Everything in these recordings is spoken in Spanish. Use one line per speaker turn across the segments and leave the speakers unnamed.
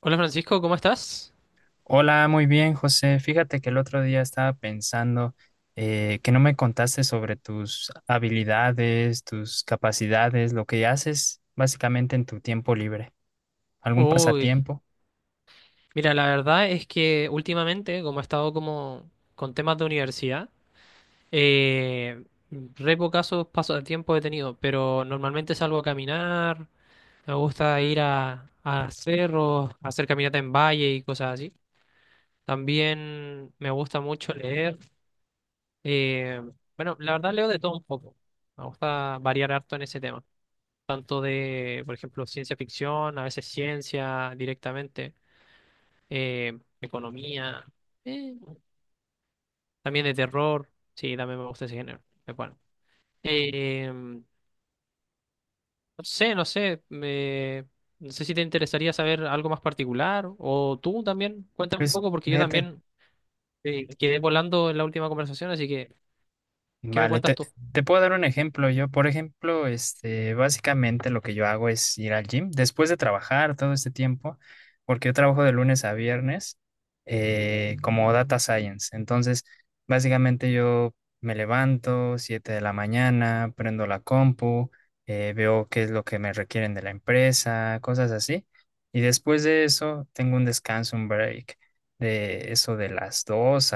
Hola Francisco, ¿cómo estás?
Hola, muy bien, José. Fíjate que el otro día estaba pensando, que no me contaste sobre tus habilidades, tus capacidades, lo que haces básicamente en tu tiempo libre, algún
Uy,
pasatiempo.
mira, la verdad es que últimamente, como he estado como con temas de universidad, eh, re pocazos pasos de tiempo he tenido, pero normalmente salgo a caminar, me gusta ir a cerros, hacer caminata en valle y cosas así. También me gusta mucho leer. eh, bueno, la verdad leo de todo un poco. Me gusta variar harto en ese tema, tanto por ejemplo, ciencia ficción, a veces ciencia directamente. Economía, eh, también de terror. Sí, también me gusta ese género. Es bueno. Eh, no sé, no sé. me- no sé si te interesaría saber algo más particular o tú también. Cuéntame un
Pues
poco porque yo
fíjate.
también quedé volando en la última conversación, así que, ¿qué me
Vale,
cuentas
te,
tú?
te puedo dar un ejemplo. Yo, por ejemplo, básicamente lo que yo hago es ir al gym después de trabajar todo este tiempo, porque yo trabajo de lunes a viernes como data science. Entonces, básicamente yo me levanto 7 de la mañana, prendo la compu, veo qué es lo que me requieren de la empresa, cosas así. Y después de eso, tengo un descanso, un break de eso de las 2,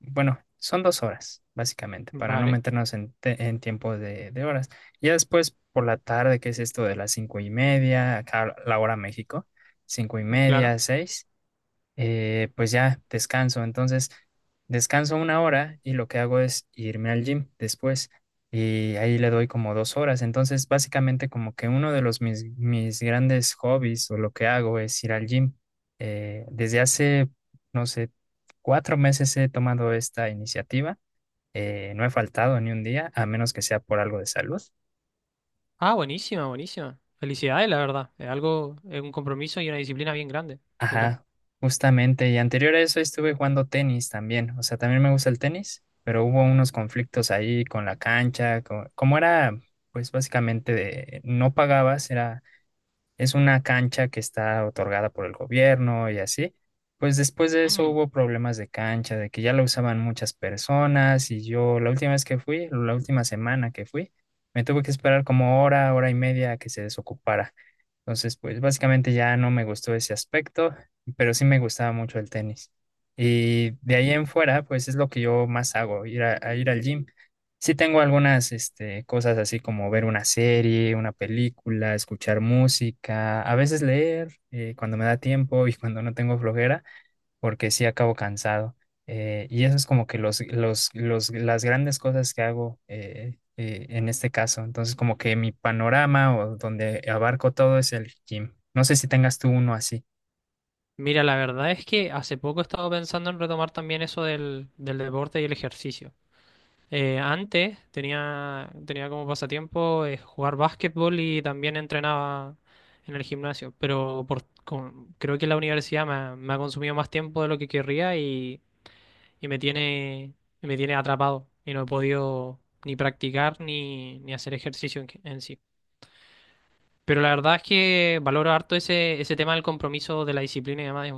bueno, son dos horas, básicamente, para no
Vale,
meternos en tiempo de horas. Ya después, por la tarde, que es esto de las cinco y media, acá la hora México, cinco y
claro.
media, seis, pues ya descanso. Entonces, descanso una hora y lo que hago es irme al gym después y ahí le doy como dos horas. Entonces, básicamente como que uno de mis grandes hobbies o lo que hago es ir al gym. Desde hace, no sé, cuatro meses he tomado esta iniciativa. No he faltado ni un día, a menos que sea por algo de salud.
Ah, buenísima, buenísima. Felicidades, la verdad. Es algo, es un compromiso y una disciplina bien grande detrás.
Ajá, justamente. Y anterior a eso estuve jugando tenis también. O sea, también me gusta el tenis, pero hubo unos conflictos ahí con la cancha. Como era, pues básicamente de no pagabas, era es una cancha que está otorgada por el gobierno y así. Pues después de eso
Mm.
hubo problemas de cancha, de que ya la usaban muchas personas y yo la última vez que fui, la última semana que fui, me tuve que esperar como hora, hora y media a que se desocupara. Entonces, pues básicamente ya no me gustó ese aspecto, pero sí me gustaba mucho el tenis. Y de ahí en fuera, pues es lo que yo más hago, ir a ir al gym. Sí tengo algunas cosas así como ver una serie, una película, escuchar música, a veces leer, cuando me da tiempo y cuando no tengo flojera, porque sí acabo cansado. Y eso es como que las grandes cosas que hago en este caso. Entonces como que mi panorama o donde abarco todo es el gym. No sé si tengas tú uno así.
Mira, la verdad es que hace poco he estado pensando en retomar también eso del deporte y el ejercicio. Antes tenía como pasatiempo jugar básquetbol y también entrenaba en el gimnasio, pero creo que la universidad me ha consumido más tiempo de lo que querría y me y me tiene atrapado y no he podido ni practicar ni hacer ejercicio en sí. Pero la verdad es que valoro harto ese tema del compromiso, de la disciplina y demás.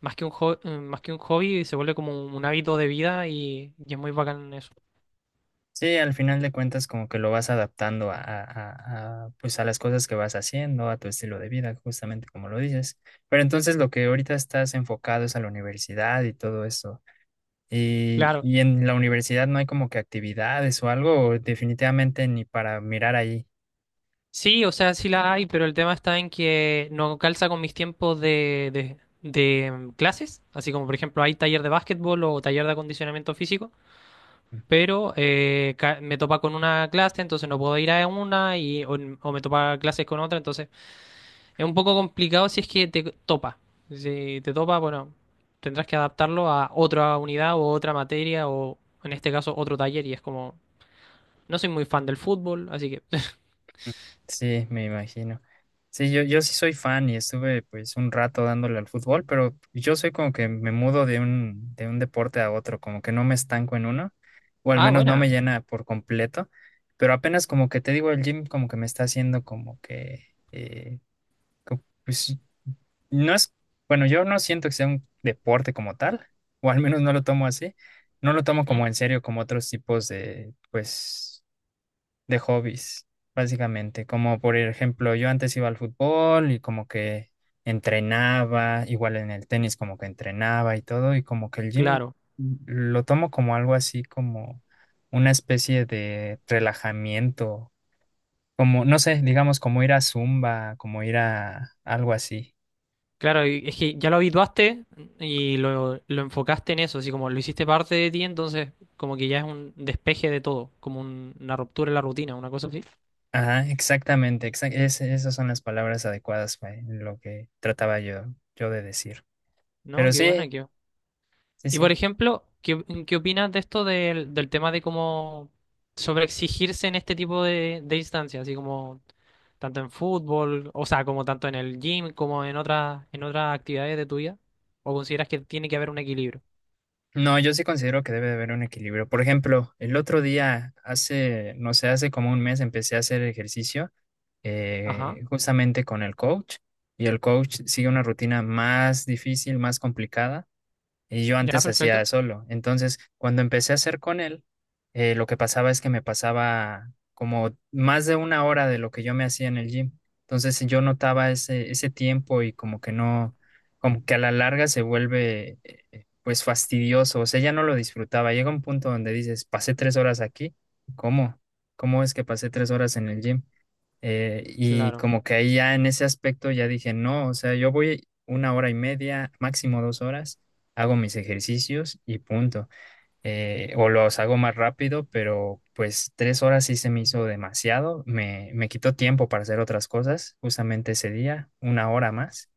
Más que un hobby, se vuelve como un hábito de vida y es muy bacán eso.
Sí, al final de cuentas como que lo vas adaptando a, pues a las cosas que vas haciendo, a tu estilo de vida, justamente como lo dices. Pero entonces lo que ahorita estás enfocado es a la universidad y todo eso. Y,
Claro.
y en la universidad no hay como que actividades o algo, o definitivamente ni para mirar ahí.
Sí, o sea, sí la hay, pero el tema está en que no calza con mis tiempos de, de clases. Así como, por ejemplo, hay taller de básquetbol o taller de acondicionamiento físico, pero me topa con una clase, entonces no puedo ir a una, o me topa clases con otra, entonces es un poco complicado si es que te topa. Si te topa, bueno, tendrás que adaptarlo a otra unidad o otra materia o en este caso otro taller y es como, no soy muy fan del fútbol, así que...
Sí, me imagino. Sí, yo sí soy fan y estuve pues un rato dándole al fútbol, pero yo soy como que me mudo de un deporte a otro, como que no me estanco en uno, o al
Ah,
menos no me
buena.
llena por completo, pero apenas como que te digo, el gym como que me está haciendo como que, eh, pues no es, bueno, yo no siento que sea un deporte como tal, o al menos no lo tomo así, no lo tomo
Ujú.
como en serio como otros tipos de, pues de hobbies, básicamente. Como por ejemplo, yo antes iba al fútbol y como que entrenaba, igual en el tenis como que entrenaba y todo, y como que el gym
Claro,
lo tomo como algo así, como una especie de relajamiento, como, no sé, digamos, como ir a Zumba, como ir a algo así.
claro, y es que ya lo habituaste y lo enfocaste en eso, así como lo hiciste parte de ti, entonces como que ya es un despeje de todo, como una ruptura en la rutina, una cosa así.
Ajá, exactamente, esas son las palabras adecuadas para lo que trataba yo de decir.
No,
Pero
qué
sí,
buena, qué
sí,
y por
sí.
ejemplo, ¿qué opinas de esto del tema de cómo sobreexigirse en este tipo de instancias? Así como tanto en fútbol, o sea, como tanto en el gym, como en en otras actividades de tu vida. ¿O consideras que tiene que haber un equilibrio?
No, yo sí considero que debe de haber un equilibrio. Por ejemplo, el otro día, hace, no sé, hace como un mes empecé a hacer ejercicio,
Ajá.
justamente con el coach, y el coach sigue una rutina más difícil, más complicada. Y yo
Ya,
antes hacía
perfecto.
solo. Entonces, cuando empecé a hacer con él, lo que pasaba es que me pasaba como más de una hora de lo que yo me hacía en el gym. Entonces, yo notaba ese tiempo y como que no, como que a la larga se vuelve, pues fastidioso. O sea, ya no lo disfrutaba. Llega un punto donde dices, pasé tres horas aquí. ¿Cómo? ¿Cómo es que pasé tres horas en el gym? Y
Claro.
como que ahí ya en ese aspecto ya dije, no, o sea, yo voy una hora y media, máximo dos horas, hago mis ejercicios y punto. O los hago más rápido, pero pues tres horas sí se me hizo demasiado, me quitó tiempo para hacer otras cosas, justamente ese día, una hora más.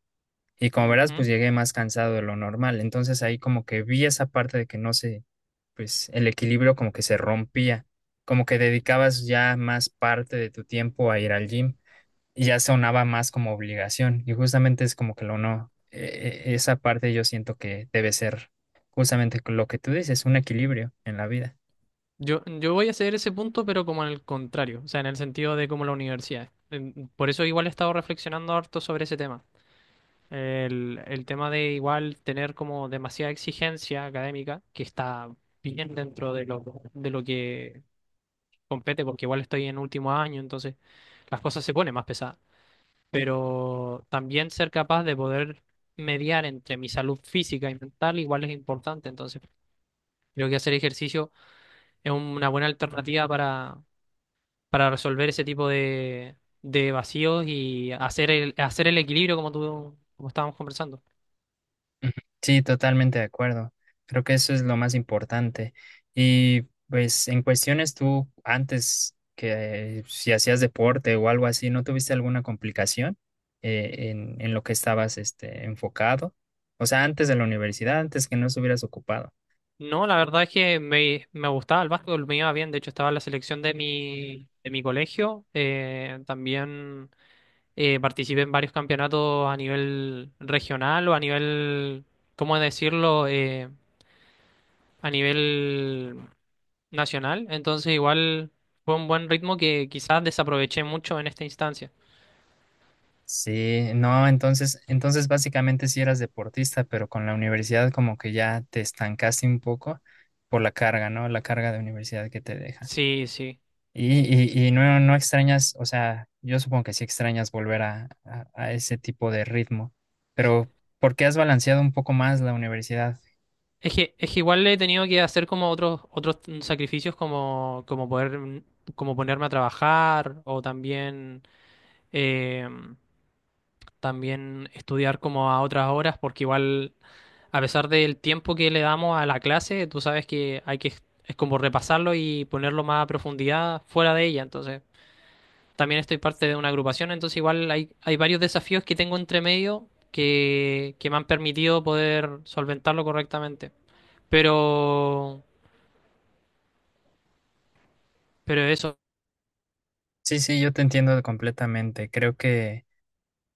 Y como verás,
Ujú.
pues llegué más cansado de lo normal. Entonces ahí como que vi esa parte de que no sé, pues el equilibrio como que se rompía, como que dedicabas ya más parte de tu tiempo a ir al gym y ya sonaba más como obligación y justamente es como que lo no, esa parte yo siento que debe ser justamente con lo que tú dices, un equilibrio en la vida.
Yo voy a ceder ese punto, pero como en el contrario, o sea, en el sentido de como la universidad. Por eso igual he estado reflexionando harto sobre ese tema. El tema de igual tener como demasiada exigencia académica, que está bien dentro de de lo que compete, porque igual estoy en último año, entonces las cosas se ponen más pesadas. Pero también ser capaz de poder mediar entre mi salud física y mental igual es importante, entonces creo que hacer ejercicio es una buena alternativa para resolver ese tipo de vacíos y hacer hacer el equilibrio como como estábamos conversando.
Ujú. Sí, totalmente de acuerdo. Creo que eso es lo más importante. Y pues en cuestiones tú antes que si hacías deporte o algo así, ¿no tuviste alguna complicación en lo que estabas enfocado? O sea, antes de la universidad, antes que no estuvieras ocupado.
No, la verdad es que me gustaba el básquetbol, me iba bien. De hecho, estaba en la selección de de mi colegio. También participé en varios campeonatos a nivel regional o a nivel, ¿cómo decirlo? A nivel nacional. Entonces, igual fue un buen ritmo que quizás desaproveché mucho en esta instancia.
Sí, no, entonces, entonces básicamente sí eras deportista, pero con la universidad como que ya te estancaste un poco por la carga, ¿no? La carga de universidad que te deja.
Sí, sí.
Y no, no extrañas, o sea, yo supongo que sí extrañas volver a ese tipo de ritmo, pero ¿por qué has balanceado un poco más la universidad?
Es que igual he tenido que hacer como otros sacrificios como, como poder, como ponerme a trabajar o también eh, también estudiar como a otras horas, porque igual, a pesar del tiempo que le damos a la clase, tú sabes que hay que, es como repasarlo y ponerlo más a profundidad fuera de ella. Entonces, también estoy parte de una agrupación, entonces igual hay varios desafíos que tengo entre medio que me han permitido poder solventarlo correctamente. Pero, pero eso.
Sí, sí, yo te entiendo completamente. Creo que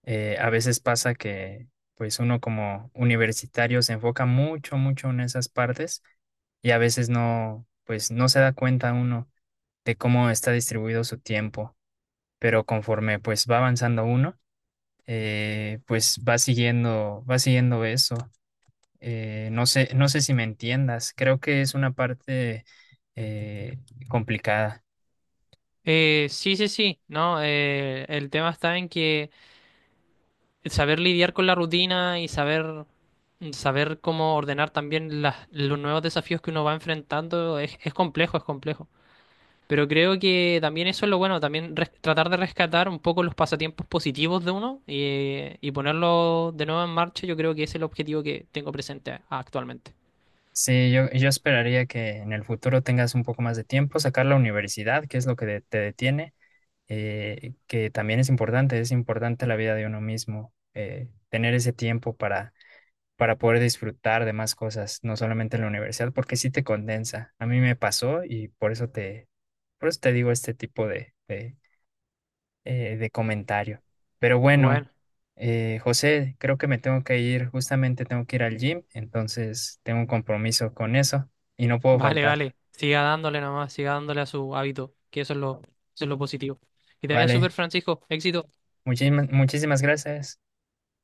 a veces pasa que pues uno como universitario se enfoca mucho en esas partes y a veces no, pues no se da cuenta uno de cómo está distribuido su tiempo, pero conforme pues va avanzando uno, pues va siguiendo eso. No sé, no sé si me entiendas, creo que es una parte eh, complicada.
Sí, sí, sí, ¿no? El tema está en que saber lidiar con la rutina y saber saber cómo ordenar también los nuevos desafíos que uno va enfrentando es complejo, es complejo. Pero creo que también eso es lo bueno, también tratar de rescatar un poco los pasatiempos positivos de uno y ponerlo de nuevo en marcha, yo creo que ese es el objetivo que tengo presente actualmente.
Sí, yo esperaría que en el futuro tengas un poco más de tiempo, sacar la universidad, que es lo que te detiene, que también es importante la vida de uno mismo, tener ese tiempo para poder disfrutar de más cosas, no solamente en la universidad, porque sí te condensa. A mí me pasó y por eso por eso te digo este tipo de comentario. Pero bueno,
Bueno,
José, creo que me tengo que ir, justamente tengo que ir al gym, entonces tengo un compromiso con eso y no puedo
vale,
faltar.
vale. Siga dándole nomás, siga dándole a su hábito, que eso es eso es lo positivo. Que te vaya súper,
Vale,
Francisco. Éxito.
muchísimas, muchísimas gracias.